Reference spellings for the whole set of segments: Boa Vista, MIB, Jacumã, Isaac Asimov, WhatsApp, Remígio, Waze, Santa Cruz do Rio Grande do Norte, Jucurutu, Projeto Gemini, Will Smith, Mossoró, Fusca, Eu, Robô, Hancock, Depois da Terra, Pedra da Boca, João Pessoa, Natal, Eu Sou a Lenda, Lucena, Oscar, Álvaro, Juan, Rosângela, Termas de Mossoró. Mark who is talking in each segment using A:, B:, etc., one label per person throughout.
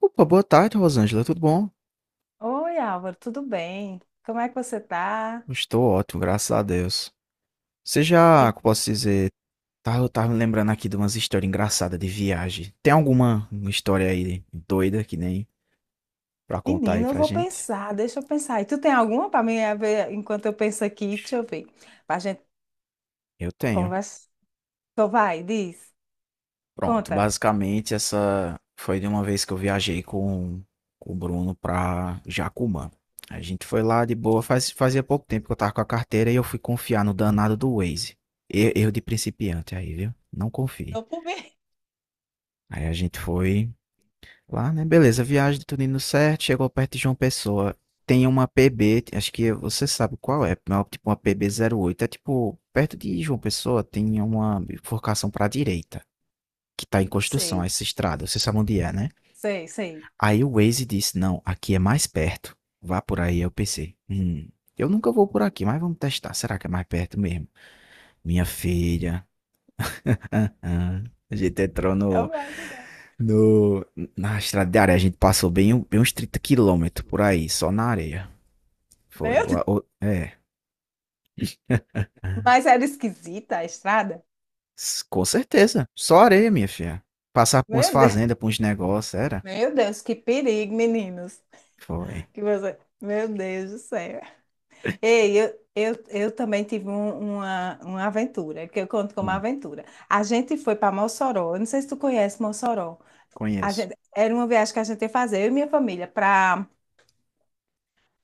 A: Opa, boa tarde, Rosângela. Tudo bom?
B: Oi, Álvaro, tudo bem? Como é que você tá?
A: Estou ótimo, graças a Deus. Você
B: E,
A: já, como posso dizer, tá, eu tava me lembrando aqui de umas histórias engraçadas de viagem. Tem alguma história aí doida que nem pra contar aí
B: menina, eu
A: pra
B: vou
A: gente?
B: pensar, deixa eu pensar. E tu tem alguma para mim a ver enquanto eu penso aqui? Deixa eu ver. Para a gente
A: Eu tenho.
B: conversar. Então vai, diz,
A: Pronto,
B: conta.
A: basicamente essa foi de uma vez que eu viajei com o Bruno pra Jacumã. A gente foi lá de boa, fazia pouco tempo que eu tava com a carteira e eu fui confiar no danado do Waze. Erro de principiante aí, viu? Não confie. Aí a gente foi lá, né? Beleza, viagem tudo indo certo, chegou perto de João Pessoa. Tem uma PB, acho que você sabe qual é, não, é tipo uma PB-8. É tipo, perto de João Pessoa tem uma bifurcação pra direita, que tá em construção,
B: Sei,
A: essa estrada, você sabe onde é, né?
B: sei, sei.
A: Aí o Waze disse, não, aqui é mais perto, vá por aí. Eu pensei, eu nunca vou por aqui, mas vamos testar, será que é mais perto mesmo? Minha filha, ah, a gente entrou
B: Eu
A: no,
B: vou ajudar.
A: No, na estrada de areia. A gente passou bem, bem uns 30 quilômetros por aí, só na areia. Foi.
B: Meu Deus, mas era esquisita a estrada?
A: S- com certeza. Só areia, minha filha. Passar por umas
B: Meu Deus,
A: fazendas, por uns negócios, era?
B: meu Deus, que perigo, meninos.
A: Foi.
B: Meu Deus do céu. Ei, eu também tive uma aventura, que eu conto como
A: Hum,
B: aventura. A gente foi para Mossoró, eu não sei se tu conhece Mossoró.
A: conheço.
B: Era uma viagem que a gente ia fazer, eu e minha família, para.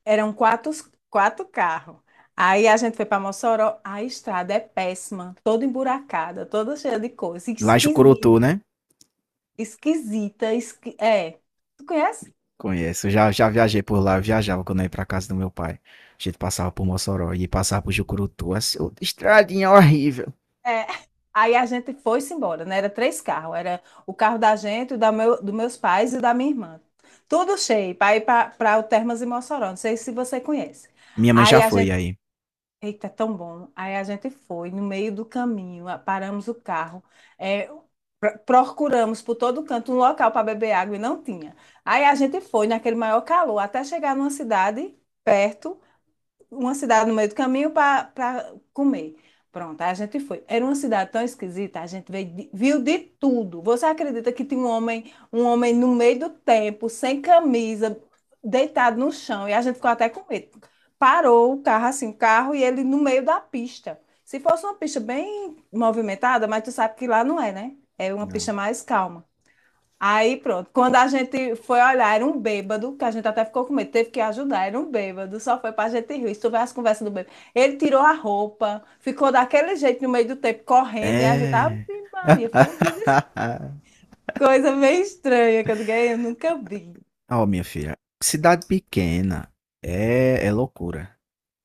B: Eram quatro carros. Aí a gente foi para Mossoró, a estrada é péssima, toda emburacada, toda cheia de coisa,
A: Lá em Jucurutu,
B: esquisita,
A: né?
B: é. Tu conhece?
A: Conheço. Já, já viajei por lá, eu viajava quando eu ia pra casa do meu pai. A gente passava por Mossoró e passava por Jucurutu. Assim, outra estradinha horrível.
B: É. Aí a gente foi-se embora, né? Era três carros. Era o carro da gente, dos meus pais e o da minha irmã. Tudo cheio para ir para o Termas de Mossoró. Não sei se você conhece.
A: Minha mãe já
B: Aí a
A: foi
B: gente.
A: aí.
B: Eita, é tão bom. Aí a gente foi no meio do caminho, paramos o carro, é, procuramos por todo canto um local para beber água e não tinha. Aí a gente foi naquele maior calor até chegar numa cidade perto uma cidade no meio do caminho para comer. Pronto, aí a gente foi. Era uma cidade tão esquisita, a gente viu de tudo. Você acredita que tinha um homem no meio do tempo, sem camisa, deitado no chão, e a gente ficou até com medo. Parou o carro assim, o carro, e ele no meio da pista. Se fosse uma pista bem movimentada, mas tu sabe que lá não é, né? É uma pista
A: Não.
B: mais calma. Aí pronto, quando a gente foi olhar, era um bêbado, que a gente até ficou com medo, teve que ajudar, era um bêbado, só foi pra gente rir. Se tu vê as conversas do bêbado. Ele tirou a roupa, ficou daquele jeito no meio do tempo, correndo, e a gente, Ave
A: É.
B: Maria, foi uma coisa meio estranha, que eu digo, "Ei, eu nunca vi.
A: Ó, minha filha, cidade pequena é, é loucura.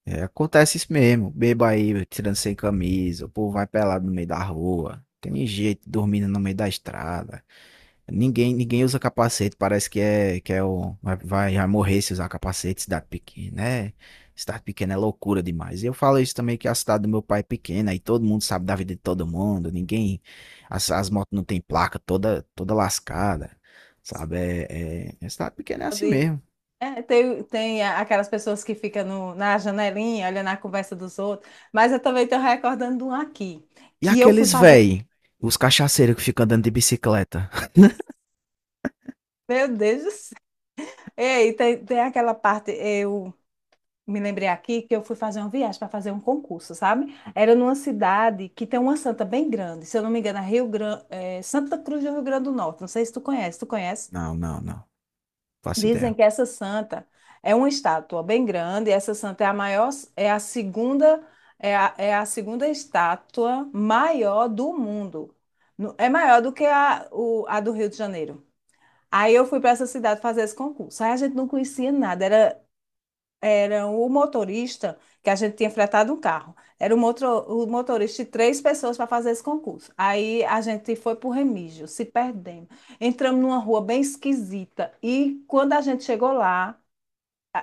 A: É, acontece isso mesmo. Beba aí, tirando sem camisa, o povo vai pelado no meio da rua. Tem gente dormindo no meio da estrada. Ninguém, ninguém usa capacete, parece que é o vai, vai vai morrer se usar capacete, cidade pequena, né? Cidade pequena é loucura demais. E eu falo isso também que a cidade do meu pai é pequena e todo mundo sabe da vida de todo mundo, ninguém, as motos não tem placa, toda toda lascada, sabe? É, é, é cidade pequena é assim
B: Pode-
A: mesmo.
B: É, tem aquelas pessoas que ficam na janelinha, olhando a conversa dos outros, mas eu também estou recordando de um aqui,
A: E
B: que eu fui
A: aqueles
B: fazer,
A: véi, os cachaceiros que ficam andando de bicicleta?
B: meu Deus do céu. Ei, tem aquela parte, eu me lembrei aqui que eu fui fazer uma viagem para fazer um concurso, sabe? Era numa cidade que tem uma santa bem grande, se eu não me engano, é Rio Grande, Santa Cruz do Rio Grande do Norte. Não sei se tu conhece, tu conhece?
A: Não, não, não. Faço
B: Dizem
A: ideia.
B: que essa santa é uma estátua bem grande, essa santa é a maior, é a segunda, é a segunda estátua maior do mundo. É maior do que a do Rio de Janeiro. Aí eu fui para essa cidade fazer esse concurso. Aí a gente não conhecia nada, era o motorista, que a gente tinha fretado um carro. Era o motorista e três pessoas para fazer esse concurso. Aí a gente foi para o Remígio, se perdemos. Entramos numa rua bem esquisita. E quando a gente chegou lá,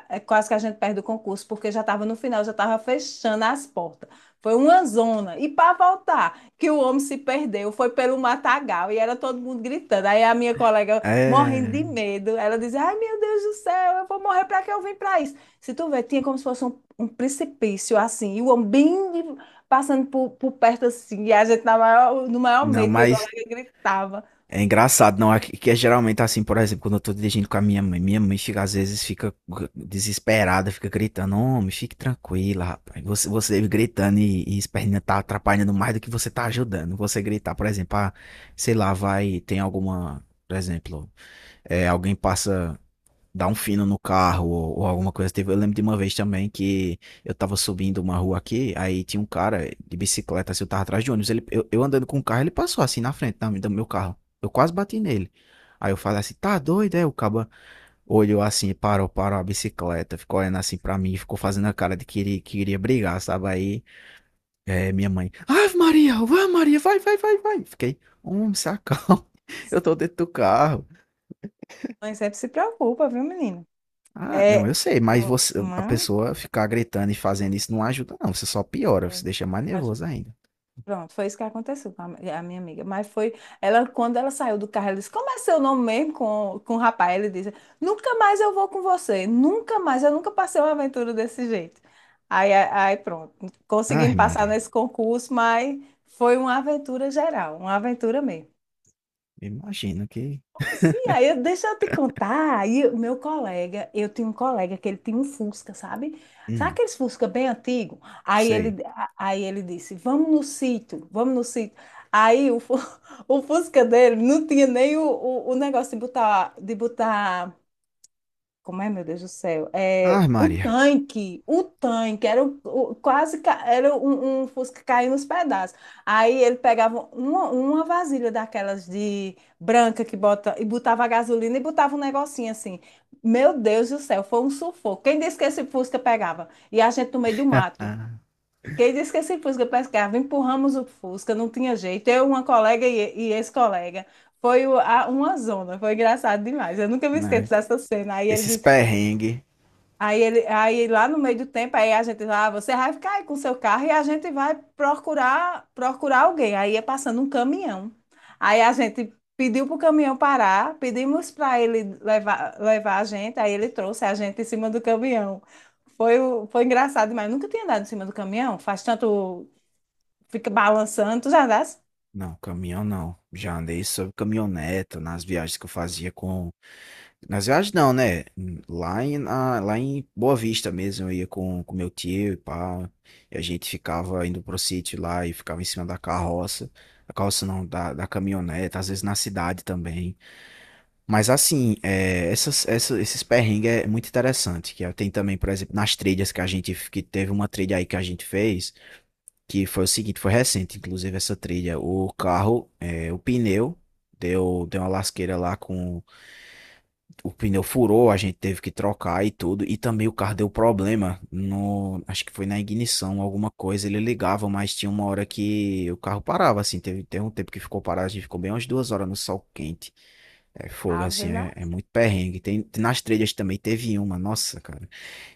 B: é quase que a gente perde o concurso, porque já estava no final, já estava fechando as portas. Foi uma zona. E para voltar, que o homem se perdeu, foi pelo matagal e era todo mundo gritando. Aí a minha colega, morrendo
A: É,
B: de medo, ela dizia: Ai, meu Deus do céu, eu vou morrer para que eu vim para isso? Se tu vê, tinha como se fosse um precipício assim, e o homem passando por perto assim, e a gente na maior, no maior
A: não,
B: medo, minha
A: mas
B: colega gritava.
A: é engraçado. Não, é que é geralmente assim, por exemplo, quando eu tô dirigindo com a minha mãe fica, às vezes fica desesperada, fica gritando, homem, fique tranquila, rapaz, você gritando e esperneando tá atrapalhando mais do que você tá ajudando, você gritar, por exemplo, ah, sei lá, vai, tem alguma, por exemplo, é, alguém passa dar um fino no carro ou alguma coisa. Teve, eu lembro de uma vez também que eu tava subindo uma rua aqui, aí tinha um cara de bicicleta, assim, eu tava atrás de ônibus. Ele, eu andando com o carro, ele passou assim na frente do meu carro. Eu quase bati nele. Aí eu falei assim, tá doido, é? O caba olhou assim, e parou, parou a bicicleta, ficou olhando assim pra mim, ficou fazendo a cara de que iria brigar, sabe? Aí é, minha mãe, Ave Maria, vai, vai, vai, vai. Fiquei, homem, se acalma, eu tô dentro do carro.
B: Mãe sempre se preocupa, viu, menina?
A: Ah, não,
B: É,
A: eu sei, mas você, a
B: mãe,
A: pessoa ficar gritando e fazendo isso não ajuda, não. Você só piora, você
B: é,
A: deixa mais
B: a
A: nervoso ainda.
B: Pronto, foi isso que aconteceu com a minha amiga. Ela, quando ela saiu do carro, ela disse, como é seu nome mesmo com o rapaz? Ele disse, nunca mais eu vou com você, nunca mais, eu nunca passei uma aventura desse jeito. Aí, aí pronto,
A: Ai,
B: conseguimos passar
A: Maria,
B: nesse concurso, mas foi uma aventura geral, uma aventura mesmo.
A: imagino que.
B: Sim, aí deixa eu te contar. Aí o meu colega, eu tinha um colega que ele tinha um Fusca, sabe? Sabe
A: Hum,
B: aqueles Fusca bem antigo? Aí
A: sei.
B: ele, a- aí ele disse: Vamos no sítio, vamos no sítio. Aí o Fusca dele não tinha nem o negócio de botar, como é, meu Deus do céu?
A: Ai,
B: É,
A: Maria,
B: o tanque, era o- quase ca- era um, um Fusca caindo nos pedaços. Aí ele pegava uma vasilha daquelas de branca que bota e botava a gasolina e botava um negocinho assim. Meu Deus do céu, foi um sufoco. Quem disse que esse Fusca pegava? E a gente no meio do mato. Quem disse que esse Fusca pescava? Empurramos o Fusca, não tinha jeito. Eu, uma colega e esse colega. Foi uma zona, foi engraçado demais. Eu nunca me
A: né?
B: esqueço dessa cena. Aí ele
A: Esses perrengues.
B: Aí, ele, aí lá no meio do tempo, aí a gente lá, você vai ficar aí com seu carro e a gente vai procurar alguém. Aí é passando um caminhão. Aí a gente pediu para o caminhão parar, pedimos para ele levar a gente, aí ele trouxe a gente em cima do caminhão. Foi engraçado demais. Nunca tinha andado em cima do caminhão, faz tanto, fica balançando, tu já andasse?
A: Não, caminhão não. Já andei sobre caminhoneta nas viagens que eu fazia com, nas viagens não, né? Lá em, lá em Boa Vista mesmo, eu ia com meu tio e pá. E a gente ficava indo pro sítio lá e ficava em cima da carroça. Da carroça não, da, da caminhonete, às vezes na cidade também. Mas assim, é, essas, esses perrengues é muito interessante. Que é, tem também, por exemplo, nas trilhas que a gente, que teve uma trilha aí que a gente fez, que foi o seguinte, foi recente, inclusive, essa trilha. O carro, é, o pneu, deu uma lasqueira lá com, o pneu furou, a gente teve que trocar e tudo. E também o carro deu problema no, acho que foi na ignição, alguma coisa. Ele ligava, mas tinha uma hora que o carro parava, assim. Teve um tempo que ficou parado, a gente ficou bem umas 2 horas no sol quente. É fogo,
B: Ave
A: assim, é, é
B: Maria.
A: muito perrengue. Tem, nas trilhas também teve uma, nossa, cara.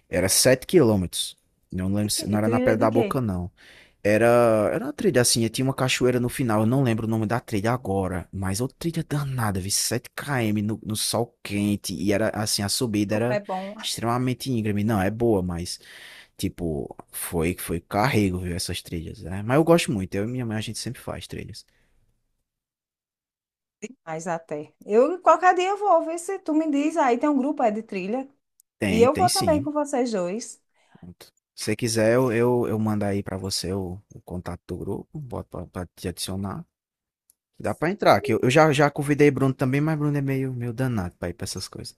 A: Era 7 quilômetros. Não
B: De
A: lembro,
B: quê?
A: não era na
B: Trilha
A: Pedra
B: de
A: da
B: quê?
A: Boca, não. Era uma trilha assim, tinha uma cachoeira no final, eu não lembro o nome da trilha agora, mas outra trilha danada, vi 7 km no, no sol quente, e era assim, a
B: E
A: subida
B: como é
A: era
B: bom,
A: extremamente íngreme. Não, é boa, mas tipo, foi foi carrego, viu, essas trilhas, né? Mas eu gosto muito, eu e minha mãe a gente sempre faz trilhas.
B: mas até. Eu qualquer dia eu vou ver se tu me diz. Aí tem um grupo aí de trilha. E
A: Tem,
B: eu
A: tem
B: vou também
A: sim.
B: com vocês dois.
A: Pronto. Se você quiser, eu mando aí pra você o contato do grupo, boto pra, pra te adicionar. Dá pra entrar, que eu já, já convidei Bruno também, mas Bruno é meio, meio danado pra ir pra essas coisas.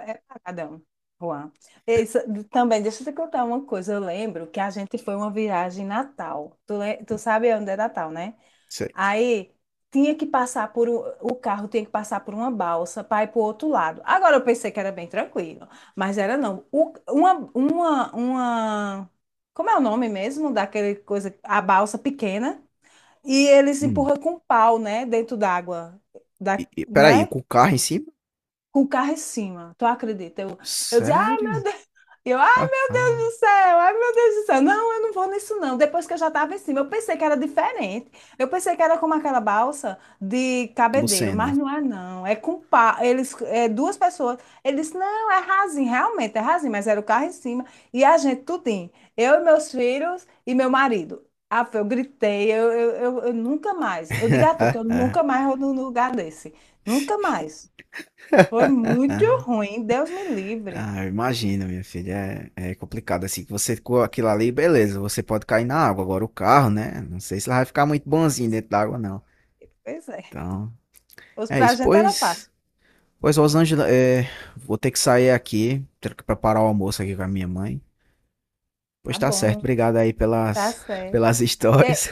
B: É paradão, Juan. Isso, também, deixa eu te contar uma coisa. Eu lembro que a gente foi uma viagem em Natal. Tu sabe onde é Natal, né? Aí tinha que passar por um- o carro tinha que passar por uma balsa para ir para o outro lado. Agora eu pensei que era bem tranquilo, mas era não. Uma, como é o nome mesmo daquele coisa, a balsa pequena, e eles
A: Hum.
B: empurram com um pau, né, dentro d'água. Da,
A: E,
B: não
A: peraí,
B: é?
A: com o carro em cima?
B: Com o carro em cima. Tu acredita? Eu dizia, ai
A: Sério?
B: meu Deus, ai
A: Ah, ah.
B: do céu, ai meu Deus do céu. Não, eu não vou nisso não. Depois que eu já estava em cima, eu pensei que era diferente. Eu pensei que era como aquela balsa de cabedeiro, mas
A: Lucena.
B: não é não. É com pá, eles, é duas pessoas. Eles, disse, não, é rasinho, realmente é rasinho, mas era o carro em cima e a gente tudinho. Eu e meus filhos e meu marido. Ah, eu gritei, eu nunca mais. Eu digo a tu que eu nunca mais vou num lugar desse. Nunca mais. Foi muito ruim, Deus me livre.
A: Ah, eu imagino, minha filha. É, é complicado assim. Que você com aquilo ali, beleza, você pode cair na água. Agora o carro, né? Não sei se ela vai ficar muito bonzinho dentro da água, não.
B: Pois é.
A: Então,
B: Os
A: é
B: pra
A: isso.
B: gente era
A: Pois,
B: fácil.
A: pois Rosângela, é, vou ter que sair aqui. Tenho que preparar o almoço aqui com a minha mãe. Pois
B: Tá
A: tá certo.
B: bom,
A: Obrigado aí
B: tá
A: pelas,
B: certo.
A: pelas
B: É,
A: histórias.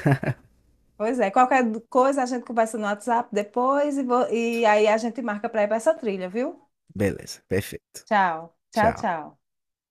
B: pois é, qualquer coisa a gente conversa no WhatsApp depois e aí a gente marca para ir para essa trilha, viu?
A: Beleza, perfeito.
B: Tchau, tchau,
A: Tchau.
B: tchau.